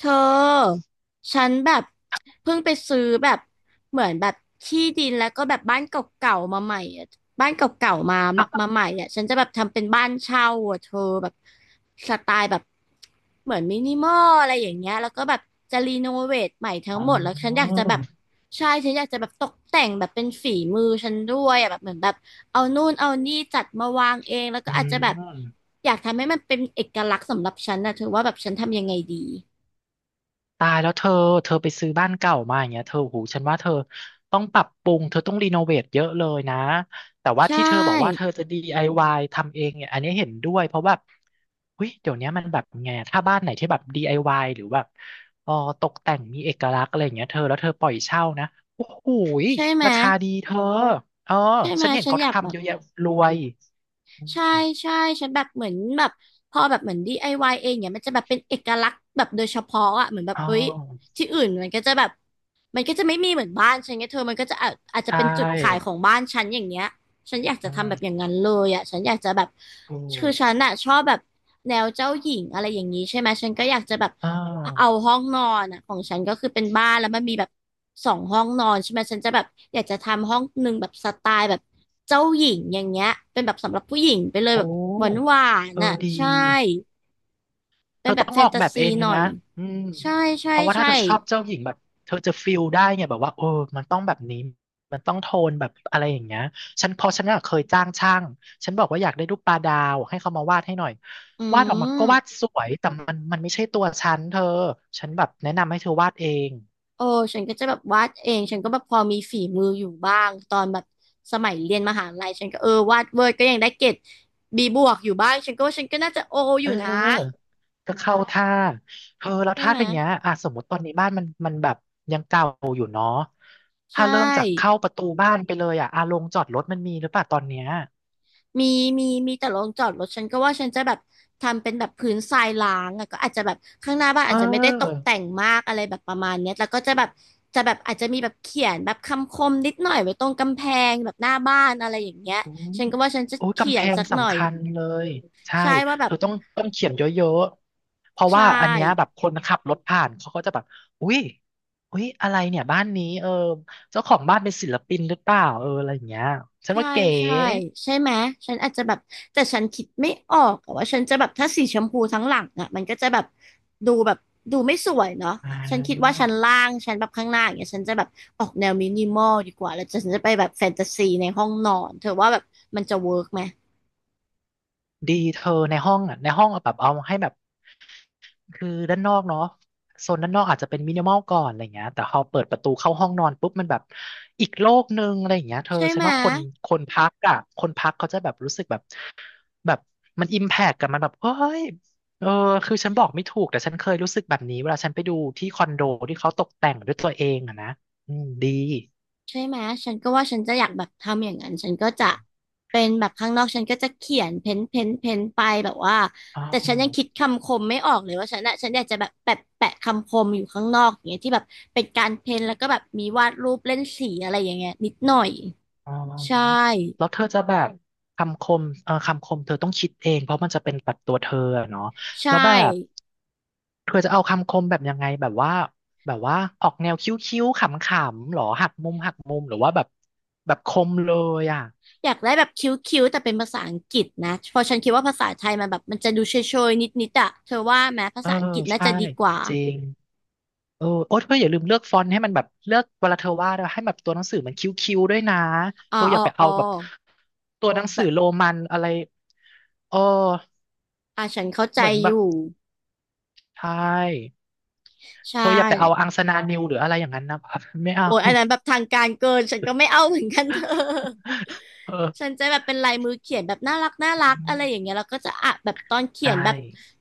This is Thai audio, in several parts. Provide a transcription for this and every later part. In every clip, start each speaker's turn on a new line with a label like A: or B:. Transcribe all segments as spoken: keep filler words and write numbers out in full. A: เธอฉันแบบเพิ่งไปซื้อแบบเหมือนแบบที่ดินแล้วก็แบบบ้านเก่าๆมาใหม่อะบ้านเก่าๆมามา
B: อ
A: มาใหม่อ่ะฉันจะแบบทำเป็นบ้านเช่าอะเธอแบบสไตล์แบบเหมือนมินิมอลอะไรอย่างเงี้ยแล้วก็แบบจะรีโนเวทใหม่ทั้ง
B: ๋
A: หมดแล้วฉันอ
B: อ
A: ยากจะแบบใช่ฉันอยากจะแบบตกแต่งแบบเป็นฝีมือฉันด้วยอะแบบเหมือนแบบเอานู่นเอานี่จัดมาวางเองแล้วก็
B: อื
A: อาจจะแบบ
B: ม
A: อยากทำให้มันเป็นเอกลักษณ์สำหรับฉันนะเธอว่าแบบฉันทำยังไงดี
B: ตายแล้วเธอ เธอไปซื้อบ้านเก่ามาอย่างเงี้ยเธอหูฉันว่าเธอต้องปรับปรุง เธอต้องรีโนเวทเยอะเลยนะ แต่ว่า
A: ใช
B: ที่เธอบอกว่าเธ
A: ่
B: อจะ ดี ไอ วาย ทำเองเนี่ยอันนี้เห็นด้วยเพราะแบบเฮ้ยเดี๋ยวเนี้ยมันแบบไงอะถ้าบ้านไหนที่แบบ ดี ไอ วาย หรือแบบเออตกแต่งมีเอกลักษณ์อะไรอย่างเงี้ยเธอ แล้วเธอปล่อยเช่านะโอ้โหย
A: ใช่ไหม
B: ราคาดีเธอเออ
A: ใช่ไหม
B: ฉันเห็น
A: ฉัน
B: เขา
A: อยากแบ
B: ทำเย
A: บ
B: อะแยะรวยอ
A: ใช่
B: ม
A: ใช่ฉันแบบเหมือนแบบพอแบบเหมือน ดี ไอ วาย เองเนี่ยมันจะแบบเป็นเอกลักษณ์แบบโดยเฉพาะอ่ะเหมือนแบบ
B: อ๋อ
A: เฮ้ยที่อื่นมันก็จะแบบมันก็จะไม่มีเหมือนบ้านฉันไงเธอมันก็จะอาจอาจ
B: ใช
A: จะเป็นจุดขาย
B: ่
A: ของบ้านฉันอย่างเงี้ยฉันอยากจะ
B: อื
A: ทำแบบอย่า
B: ม
A: งนั้นเลยอ่ะฉันอยากจะแบบ
B: ถู
A: คือ
B: ก
A: ฉันอ่ะชอบแบบแนวเจ้าหญิงอะไรอย่างนี้ใช่ไหมฉันก็อยากจะแบบ
B: อ่
A: เอา
B: า
A: ห้องนอนอ่ะของฉันก็คือเป็นบ้านแล้วมันมีแบบสองห้องนอนใช่ไหมฉันจะแบบอยากจะทำห้องหนึ่งแบบสไตล์แบบเจ้าหญิงอย่างเงี้ยเป็นแบบสำหรับผู้หญิงไปเลยแบ
B: โอ้
A: บหวานหวาน
B: เออ
A: อ่ะ
B: ดี
A: ใช่
B: เธ
A: เป็น
B: อ
A: แบ
B: ต้
A: บ
B: อง
A: แฟ
B: อ
A: น
B: อก
A: ตา
B: แบบเอ
A: ซี
B: งเล
A: ห
B: ย
A: น่อ
B: นะ
A: ย
B: อืม
A: ใช่
B: เพ
A: ใช่
B: ราะว่าถ้าเธ
A: ใช่
B: อชอบเจ้าหญิงแบบเธอจะฟิลได้ไงแบบว่าเออมันต้องแบบนี้มันต้องโทนแบบอะไรอย่างเงี้ยฉันเพอฉันน่ะเคยจ้างช่างฉันบอกว่าอยากได้รูปปลาดาวให้เขามาวาดให้หน่อย
A: อื
B: วาดออกมาก็วาด
A: ม
B: สวยแต่มันมันไม่ใช่ตัวฉันเธอฉันแบบแนะนำให้เธอวาดเอง
A: โอ้ฉันก็จะแบบวาดเองฉันก็แบบพอมีฝีมืออยู่บ้างตอนแบบสมัยเรียนมหาลัยฉันก็เออวาดเวิร์ดก็ยังได้เกรดบีบวกอยู่บ้างฉันก็ว่าฉันก็น่าจะโออ
B: เออ
A: ยู่นะ
B: ก็เข้าท่าเธอแล้ว
A: ใช่
B: ท่า
A: ไหม
B: ทงเนี้ยอ่ะสมมติตอนนี้บ้านมันมันแบบยังเก่าอยู่เนาะถ้า
A: ใช่
B: เริ่มจากเข้าประตูบ้านไปเลยอ่ะอาลงจอดรถมันมีหรือเปล่าตอนเนี้ย
A: มีมีมีแต่โรงจอดรถฉันก็ว่าฉันจะแบบทำเป็นแบบพื้นทรายล้างอะก็อาจจะแบบข้างหน้าบ้าน
B: เ
A: อาจจะไม่ได้ตก
B: ออ
A: แต่งมากอะไรแบบประมาณเนี้ยแล้วก็จะแบบจะแบบอาจจะมีแบบเขียนแบบคำคมนิดหน่อยไว้ตรงกำแพงแบบหน้าบ้านอะไรอย่างเงี้ย
B: อุ้ย
A: ฉันก็ว่าฉันจะ
B: โอ้ย
A: เขี
B: กำแพ
A: ยน
B: ง
A: สักหน่อ
B: สำ
A: ย
B: คัญเลยใช่
A: ใช่ว่าแบ
B: เธ
A: บ
B: อต้องต้องเขียนเยอะๆ เพราะ
A: ใช่
B: ว่าอันเนี้ยแบบคนขับรถผ่านเขาก็จะแบบอุ๊ยอุ้ยอะไรเนี่ยบ้านนี้เออเจ้าของบ้านเป็นศิลปินหรือเปล่าเอออะไรอย่างเงี้ยฉัน
A: ใช่
B: ว่าเก๋
A: ใช่ใช่ไหมฉันอาจจะแบบแต่ฉันคิดไม่ออกอะว่าฉันจะแบบถ้าสีชมพูทั้งหลังอ่ะมันก็จะแบบดูแบบดูไม่สวยเนาะ
B: อ่
A: ฉันคิดว่าชั้น
B: า
A: ล่างชั้นแบบข้างหน้าอย่างเงี้ยฉันจะแบบออกแนวมินิมอลดีกว่าแล้วฉันจะไปแบบแฟนตาซีในห้องนอนเธอว่าแบบมันจะเวิร์กไหม
B: ดีเธอในห้องอ่ะในห้องเอาแบบเอาให้แบบคือด้านนอกเนาะโซนด้านนอกอาจจะเป็นมินิมอลก่อนอะไรเงี้ยแต่พอเปิดประตูเข้าห้องนอนปุ๊บมันแบบอีกโลกหนึ่งอะไรอย่างเงี้ยเธอ
A: ใช่
B: ฉั
A: ไห
B: น
A: ม
B: ว่าคนคนพักอ่ะคนพักเขาจะแบบรู้สึกแบบแบบมันอิมแพกกับมันแบบเฮ้ยเออคือฉันบอกไม่ถูกแต่ฉันเคยรู้สึกแบบนี้เวลาฉันไปดูที่คอนโดที่เขาตกแต่งด้วยตัวเองอะนะอืมดี
A: ใช่ไหมฉันก็ว่าฉันจะอยากแบบทำอย่างนั้นฉันก็จะเป็นแบบข้างนอกฉันก็จะเขียนเพ้นเพ้นเพ้นไปแบบว่า
B: อ๋อ
A: แต่ฉันยังคิดคำคมไม่ออกเลยว่าฉันอะฉันอยากจะแบบแปะแปะคำคมอยู่ข้างนอกอย่างเงี้ยที่แบบเป็นการเพ้นแล้วก็แบบมีวาดรูปเล่นสีอะไรอย่างเงี้ยนิดหน่อย
B: อ๋อ
A: ใช่
B: แล้วเธอจะแบบคำคมเอ่อคำคมเธอต้องคิดเองเพราะมันจะเป็นปัดตัวเธออะเนาะ
A: ใช่
B: แล้วแบบเธอจะเอาคำคมแบบยังไงแบบว่าแบบว่าออกแนวคิ้วๆขำๆหรอหักมุมหักมุมหรือว่าแบบแบบคมเลยอ่ะ
A: อยากได้แบบคิ้วๆแต่เป็นภาษาอังกฤษนะเพราะฉันคิดว่าภาษาไทยมันแบบมันจะดูเชยๆนิดๆอะเธอว่าไหมภา
B: เออ
A: ษาอังกฤษน่า
B: ใช่
A: จะดีกว่า
B: จริงเออโอ๊ยเธออย่าลืมเลือกฟอนต์ให้มันแบบเลือกเวลาเธอวาดอะให้แบบตัวหนังสือมันคิ้วๆด้วยนะ
A: อ๋อ
B: เธออ
A: อ๋
B: ย่า
A: อ
B: ไป
A: อ๋
B: เอา
A: อ
B: แบบตัวหนังสือ
A: แบบ
B: โรมันอะไรเออ
A: อ่ะฉันเข้าใจ
B: เหมือนแบ
A: อ
B: บ
A: ยู่
B: ใช่
A: ใช่
B: เธออย่าไปเอาอังสนานิวหรืออะไรอย่างนั้นนะ ไม่เอา
A: โอ้ยอันนั้นแบบทางการเกินฉันก็ไม่เอาเหมือนกันเธอ
B: เอ
A: ฉัน
B: อ
A: จะแบบเป็นลายมือเขียนแบบน่ารักน่ารักอะไรอย่างเงี้ยแล้วก็จะอ่ะแบบตอนเขีย
B: ใช่
A: นแบบ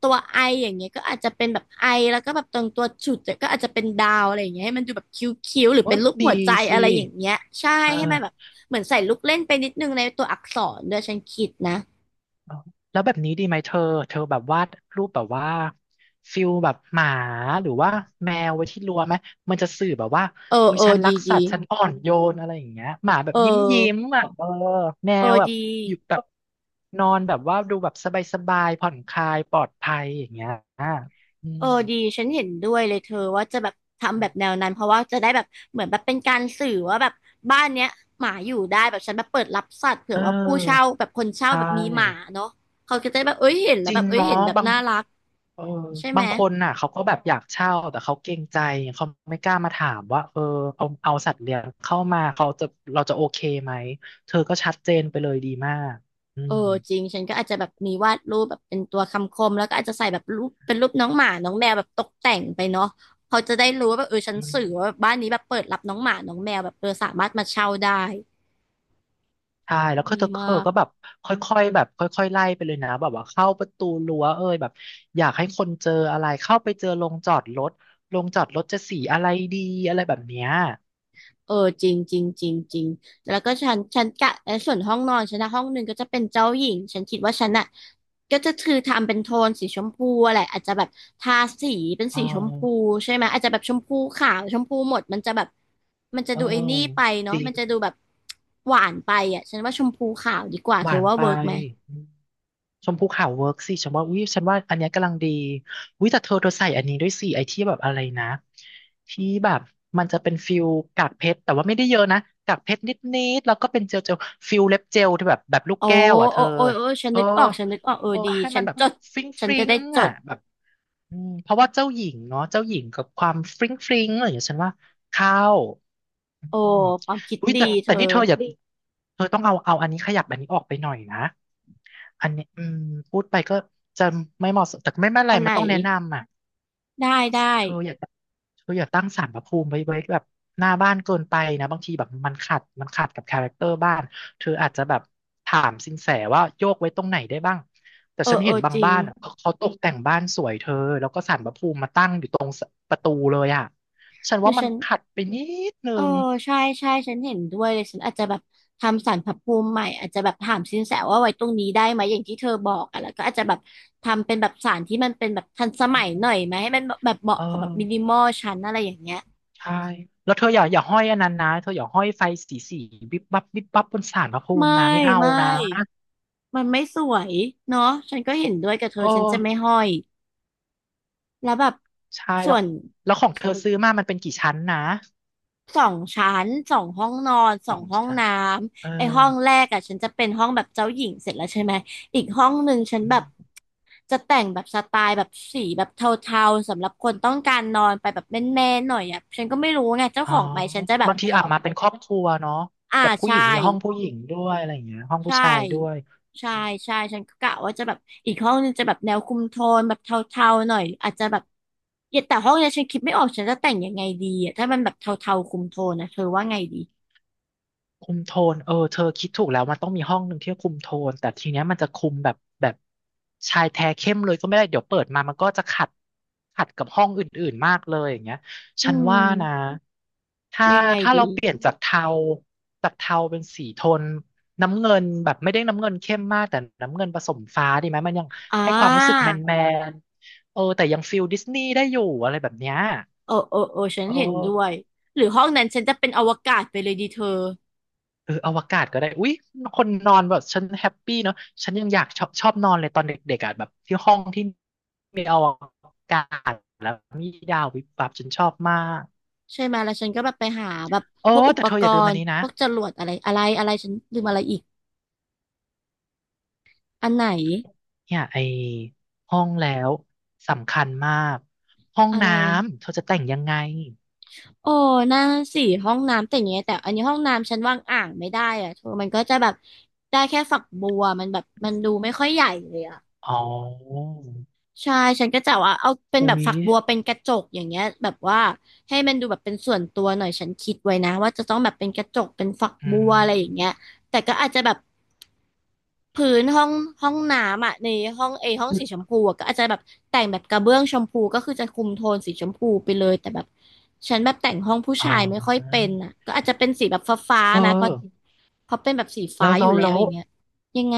A: ตัวไออย่างเงี้ยก็อาจจะเป็นแบบไอแล้วก็แบบตรงตัวฉุดเนี่ยก็อาจจะเป็นดาวอะไรอย่างเงี้ยให้มันดูแบบคิ้วๆหรือ
B: โอ้
A: เป็นรูป
B: ดี
A: หัวใจ
B: สิ
A: อะไรอย่างเงี้ยใช่
B: เอ
A: ให้มันแบบ
B: อ
A: เหมือนใส่ลูกเล่นไปนิดนึงในตัวอักษรด้วยฉันคิดนะ
B: เอาแล้วแบบนี้ดีไหมเธอเธอแบบวาดรูปแบบว่าฟิลแบบหมาหรือว่าแมวไว้ที่รั้วไหมมันจะสื่อแบบว่า
A: เออ
B: อุ้ย
A: เออ
B: ฉันรั
A: ดี
B: กสั
A: ดี
B: ตว์ฉันอ่อนโยนอะไรอย่างเงี้ยหมาแบ
A: เอ
B: บยิ้มยิ้ม
A: อ
B: อ่ะเออแม
A: เออ
B: วแบบ
A: ดี
B: อยู่แบบนอนแบบว่าดูแบบสบายสบายผ่อนคลายปลอดภัยอย่างเงี้ยอ่ะอื
A: เอ
B: ม
A: อดีฉันเห็นด้วยเลยเธอว่าจะแบบทำแบบแนวนั้นเพราะว่าจะได้แบบเหมือนแบบเป็นการสื่อว่าแบบบ้านเนี้ยหมาอยู่ได้แบบฉันแบบเปิดรับสัตว์เผื่
B: เอ
A: อว่าผู้เช่า
B: อ
A: แบบคนเช่า
B: ใช่
A: แบบมีหมาเนาะเขาก็จะได้แบบเอ้ยเห็นแล้
B: จ
A: วแบ
B: ริง
A: บเอ้ย
B: เนาะ
A: เห็นแบบ
B: บาง
A: น่ารัก
B: เออ
A: ใช่ไหม
B: บางคนน่ะเขาก็แบบอยากเช่าแต่เขาเกรงใจเขาไม่กล้ามาถามว่าเออเอาเอาสัตว์เลี้ยงเข้ามาเขาจะเราจะโอเคไหมเธอก็ชัดเจนไปเลยดีมากอื
A: เออ
B: ม
A: จริงฉันก็อาจจะแบบมีวาดรูปแบบเป็นตัวคำคมแล้วก็อาจจะใส่แบบรูปเป็นรูปน้องหมาน้องแมวแบบตกแต่งไปเนาะเขาจะได้รู้ว่าแบบเออฉัน
B: อืม
A: สื่อว่าแบบบ้านนี้แบบเปิดรับน้องหมาน้องแมวแบบเออสามารถมาเช่าได้
B: ใช่แล้วก็
A: ดี
B: เธอเธ
A: มา
B: อก็แบ
A: ก
B: บค่อยๆแบบค่อยๆไล่ไปเลยนะแบบว่าเข้าประตูรั้วเอ้ยแบบอยากให้คนเจออะไรเข้าไปเจอโรงจอดรถโรงจอดรถจะสีอะไรดีอะไรแบบเนี้ย
A: เออจริงจริงจริงจริงแล้วก็ฉันฉันกะและส่วนห้องนอนฉันนะห้องหนึ่งก็จะเป็นเจ้าหญิงฉันคิดว่าฉันอ่ะก็จะคือทำเป็นโทนสีชมพูอะไรอาจจะแบบทาสีเป็น
B: อ๋อ
A: สีชมพูใช่ไหมอาจจะแบบชมพูขาวชมพูหมดมันจะแบบมันจะ
B: เออ
A: ดูไอ้นี่ไป
B: จ
A: เนาะ
B: ริง
A: มันจะดูแบบหวานไปอ่ะฉันว่าชมพูขาวดีกว่า
B: ห
A: เธอ
B: วาน
A: ว่า
B: ไป
A: เวิร์กไหม
B: ชมพูขาวเวิร์กสิฉันว่าอุ้ยฉันว่าอันเนี้ยกำลังดีอุ้ยแต่เธอเธอใส่อันนี้ด้วยสิไอที่แบบอะไรนะที่แบบมันจะเป็นฟิลกากเพชรแต่ว่าไม่ได้เยอะนะกากเพชรนิดๆแล้วก็เป็นเจลเจลฟิลเล็บเจลที่แบบแบบลูก
A: โอ้
B: แก้วอ่ะเธ
A: โอ้
B: อ
A: โอ้โอ้ฉัน
B: เออ
A: นึกออกฉันนึกออกเออ
B: โอ้
A: ดี
B: ให้
A: ฉั
B: มัน
A: น
B: แบบ
A: จด
B: ฟริ้ง
A: ฉั
B: ฟ
A: น
B: ริ้
A: จะ
B: ง
A: ได้จ
B: อ่ะ
A: ด
B: แบบอืมเพราะว่าเจ้าหญิงเนาะเจ้าหญิงกับความฟริ้งฟริ้งอะไรอย่างเงี้ยฉันว่าเข้าอื
A: โอ้
B: ม
A: ความคิด
B: อุ้ย
A: ดี
B: แต่
A: เธ
B: แต่
A: อ
B: นี่เธออย่าเธอต้องเอาเอาอันนี้ขยับอันนี้ออกไปหน่อยนะ อันนี้อืมพูดไปก็จะไม่เหมาะสมแต่ไม่เป็นไร
A: อันไห
B: มั
A: น
B: นต้องแนะนำอ่ะ
A: ได้ได้
B: เธออย่าเธออย่าตั้งศาลพระภูมิไว้ไว้แบบหน้าบ้านเกินไปนะบางทีแบบมันขัดมันขัดกับคาแรคเตอร์บ้านเธออาจจะแบบถามสินแสว่าโยกไว้ตรงไหนได้บ้างแต่
A: เอ
B: ฉั
A: อ
B: น
A: เอ
B: เห็น
A: อ
B: บาง
A: จริง
B: บ้านอ่ะเขาเขาตกแต่งบ้านสวยเธอแล้วก็ศาลพระภูมิมาตั้งอยู่ตรงประตูเลยอ่ะฉัน
A: หรื
B: ว่า
A: อ
B: มัน
A: ฉัน
B: ขัดไปนิดนึ
A: เออ
B: ง
A: ใช่ใช่ฉันเห็นด้วยเลยฉันอาจจะแบบทำศาลพระภูมิใหม่อาจจะแบบถามสินแสว่าไว้ตรงนี้ได้ไหมอย่างที่เธอบอกอะแล้วก็อาจจะแบบทำเป็นแบบศาลที่มันเป็นแบบทันสมัยหน่อยไหมให้มันแบบแบบเหมาะ
B: เออ
A: กับแบบมินิมอลฉันอะไรอย่างเงี้ย
B: ใช่ แล้วเธออย่าอย่าห้อยอันนั้นนะเธออย่าห้อยไฟสีสีวิบวับวิบวับบนศาลพระภูมิ
A: ไม่
B: นะไม่เอา
A: ไม่
B: นะ
A: มันไม่สวยเนาะฉันก็เห็นด้วยกับเธ
B: โอ้
A: อฉันจะไม่ห้อยแล้วแบบ
B: ใช่
A: ส่
B: แล้ว
A: วน
B: แล้วของเธอซื้อมามันเป็นกี่ชั้นนะ
A: สองชั้นสองห้องนอนส
B: ส
A: อ
B: อ
A: ง
B: ง
A: ห้อง
B: ชั้น
A: น้
B: เอ
A: ำไอ
B: อ
A: ห้องแรกอะฉันจะเป็นห้องแบบเจ้าหญิงเสร็จแล้วใช่ไหมอีกห้องหนึ่งฉัน
B: อื
A: แบบ
B: ม
A: จะแต่งแบบสไตล์แบบสีแบบเทาๆสำหรับคนต้องการนอนไปแบบแมนๆหน่อยอะฉันก็ไม่รู้ไงเจ้า
B: อ๋
A: ข
B: อ
A: องไหมฉันจะแบบ
B: บางทีอาบมาเป็นครอบครัวเนาะ
A: อ่า
B: แบบผู้ห
A: ใช่
B: ญิงมีห้องผู้หญิงด้วยอะไรอย่างเงี้ยห้องผู้
A: ใช่
B: ชายด้วย
A: ใช่ใช่ฉันก็กะว่าจะแบบอีกห้องนึงจะแบบแนวคุมโทนแบบเทาๆหน่อยอาจจะแบบเย็นแต่ห้องเนี้ยฉันคิดไม่ออกฉันจะแต่งยังไงดีอ่ะถ้ามันแบบเทาๆคุมโทนนะเธอว่าไงดี
B: คุมโทนเออเธอคิดถูกแล้วมันต้องมีห้องหนึ่งที่คุมโทนแต่ทีเนี้ยมันจะคุมแบบแบบชายแท้เข้มเลยก็ไม่ได้เดี๋ยวเปิดมามันก็จะขัดขัดกับห้องอื่นๆมากเลยอย่างเงี้ย
A: อื
B: ฉันว่านะ
A: ม
B: ถ้า
A: ยังไง
B: ถ้าเรา
A: ดี
B: เปลี่ยนจากเทาจากเทาเป็นสีโทนน้ำเงินแบบไม่ได้น้ำเงินเข้มมากแต่น้ำเงินผสมฟ้าดีไหมมันยัง
A: อ่
B: ให้ความรู้สึก
A: า
B: แมนแมนเออแต่ยังฟิลดิสนีย์ได้อยู่อะไรแบบเนี้ย
A: โอ้โอ้โอ้ฉัน
B: เอ
A: เห็นด้ว
B: อ
A: ย หรือห้องนั้นฉันจะเป็นอวกาศไปเลยดีเธอ
B: เอออวกาศก็ได้อุ๊ยคนนอนแบบฉันแฮปปี้เนาะฉันยังอยากชอบชอบนอนเลยตอนเด็กๆอ่ะแบบที่ห้องที่มีอวกาศแล้วมีดาววิบวับฉันชอบมาก
A: ใช่ไหมแล้วฉันก็แบบไปหาแบบ
B: โอ้
A: พวกอุ
B: แต่
A: ป
B: เธอ
A: ก
B: อย่าลืม
A: ร
B: อัน
A: ณ์
B: นี้
A: พ
B: นะ
A: วกจรวดอะไรอะไรอะไรฉันลืมอะไรอีกอันไหน
B: เนี่ยไอห้องแล้วสำคัญมากห้อง
A: อะไร
B: น้ำเธอจะแต่งยังไง
A: โอ้น่าสิห้องน้ำแต่อย่างเงี้ยแต่อันนี้ห้องน้ำฉันวางอ่างไม่ได้อะเธอมันก็จะแบบได้แค่ฝักบัวมันแบบมันดูไม่ค่อยใหญ่เลยอะ
B: อ๋อ
A: ใช่ฉันก็จะว่าเอาเป็น
B: อุ๊
A: แบบ
B: ย
A: ฝักบัวเป็นกระจกอย่างเงี้ยแบบว่าให้มันดูแบบเป็นส่วนตัวหน่อยฉันคิดไว้นะว่าจะต้องแบบเป็นกระจกเป็นฝัก
B: อื
A: บัวอะไรอย่างเงี้ย
B: ม
A: แต่ก็อาจจะแบบพื้นห้องห้องน้ำอ่ะในห้องเอห้องสีชมพูอะก็อาจจะแบบแต่งแบบกระเบื้องชมพูก็คือจะคุมโทนสีชมพูไปเลยแต่แบบฉันแบบแต่งห้องผู้
B: อ๋อ
A: ชายไม่ค่อยเป็นอ่ะก็อาจจะเป็นสีแบบฟ้า
B: เธอ
A: ๆนะเพราะเพราะเป็นแบบสี
B: แล้
A: ฟ้า
B: ว
A: อ
B: แล้
A: ยู่
B: ว
A: แล้
B: แล้
A: วอ
B: ว
A: ย่างเงี้ยยังไง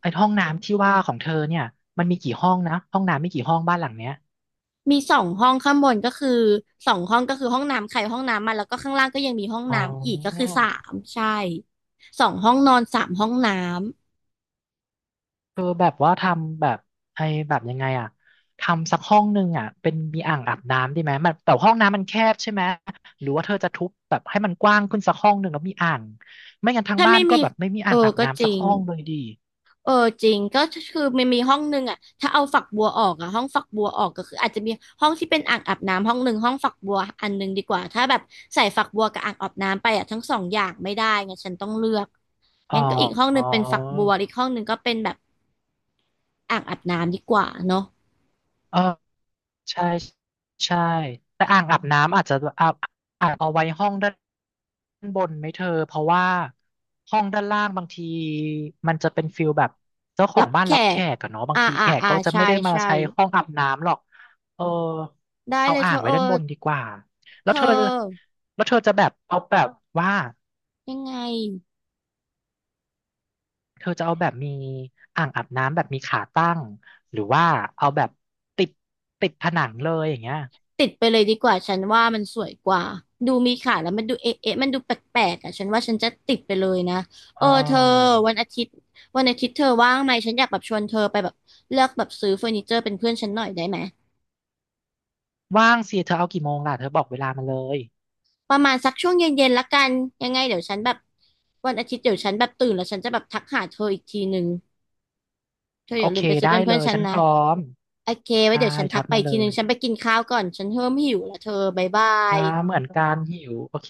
B: ไอ้ห้องน้ำที่ว่าของเธอเนี่ยมันมีกี่ห้องนะห้องน้ำมีกี่ห้องบ้านหลังเนี้ย
A: มีสองห้องข้างบนก็คือสองห้องก็คือห้องน้ำใครห้องน้ำมันแล้วก็ข้างล่างก็ยังมีห้อง
B: อ๋อ
A: น้ำอีกก็คือสามใช่สองห้องนอนสามห้องน้ำ
B: คือแบบว่าทำแบบไอ้แบบยังไงอ่ะทำสักห้องหนึ่งอ่ะเป็นมีอ่างอาบน้ำดีไหมมันแต่ห้องน้ำมันแคบใช่ไหม หรือว่าเธอจะทุบแบบให้มันกว้างขึ้นสักห้องหนึ่งแล้วมีอ่างไม่งั้นทาง
A: ถ้า
B: บ้า
A: ไม่
B: นก็
A: มี
B: แบบไม่มี
A: เอ
B: อ่า
A: อ
B: งอาบ
A: ก็จ
B: น้ำสัก
A: ริง
B: ห้องเลยดี
A: เออจริงก็คือมันมีห้องหนึ่งอ่ะถ้าเอาฝักบัวออกอ่ะห้องฝักบัวออกก็คืออาจจะมีห้องที่เป็นอ่างอาบน้ำห้องหนึ่งห้องฝักบัวอันหนึ่งดีกว่าถ้าแบบใส่ฝักบัวกับอ่างอาบน้ำไปอ่ะทั้งสองอย่างไม่ได้ไงฉันต้องเลือก
B: อ๋อ
A: งั้นก็อีกห้องห
B: อ๋อ
A: นึ่งเป็นฝักบัวอีกห้องหนึ่งก็เป็นแบบอ่างอาบน้ำดีกว่าเนาะ
B: เออ ใช่ใช่แต่อ่างอาบน้ำอาจจะเอาอาจเอาไว้ห้องด้านบนไหมเธอเพราะว่าห้องด้านล่างบางทีมันจะเป็นฟิลแบบเจ้าขอ
A: รั
B: ง
A: บ
B: บ้าน
A: แข
B: รับแข
A: ก
B: กอะเนาะบาง
A: อ่า
B: ที
A: อ่า
B: แขก
A: อ่า
B: ก็จะ
A: ใช่
B: ไม่ได้มา
A: ใช่
B: ใช้ห้องอาบน้ำหรอกเออ
A: ได้
B: เอา
A: เลยเธ
B: อ่าง
A: อ
B: ไว้
A: เออ
B: ด้านบนดีกว่าแล้
A: เธ
B: ว
A: อ
B: เธอแล้วเธอจะแบบเอาแบบว่า
A: ยังไง
B: เธอจะเอาแบบมีอ่างอาบน้ำแบบมีขาตั้งหรือว่าเอาแบบติดติดผนังเลยอย่างเงี้ย
A: ติดไปเลยดีกว่า ฉันว่ามันสวยกว่า ดูมีขาแล้วมันดูเอ๊ะเอ๊ะมันดูแปลกๆอ่ะฉันว่าฉันจะติดไปเลยนะเอ
B: อ๋
A: อ
B: อ
A: เธอวันอาทิตย์วันอาทิตย์เธอว่างไหมฉันอยากแบบชวนเธอไปแบบเลือกแบบซื้อเฟอร์นิเจอร์เป็นเพื่อนฉันหน่อยได้ไหม
B: ว่างสิเธอเอากี่โมงล่ะเธอบอกเวลามาเลย
A: ประมาณสักช่วงเย็นๆละกันยังไงเดี๋ยวฉันแบบวันอาทิตย์เดี๋ยวฉันแบบตื่นแล้วฉันจะแบบทักหาเธออีกทีนึงเธอ
B: โอ
A: อย่าลื
B: เค
A: มไปซื้อ
B: ได้
A: เป็น
B: เล
A: เพื่อน
B: ย
A: ฉัน
B: ฉัน
A: นะ
B: พร้อม
A: โอเคไว้
B: ได้
A: เดี๋ยวฉันทั
B: ทั
A: ก
B: ก
A: ไป
B: มา
A: อีก
B: เล
A: ทีนึง
B: ย
A: ฉันไปกินข้าวก่อน ฉันเริ่มหิวแล้วเธอบ๊ายบา
B: อ่า
A: ย
B: เหมือนกันหิวโอเค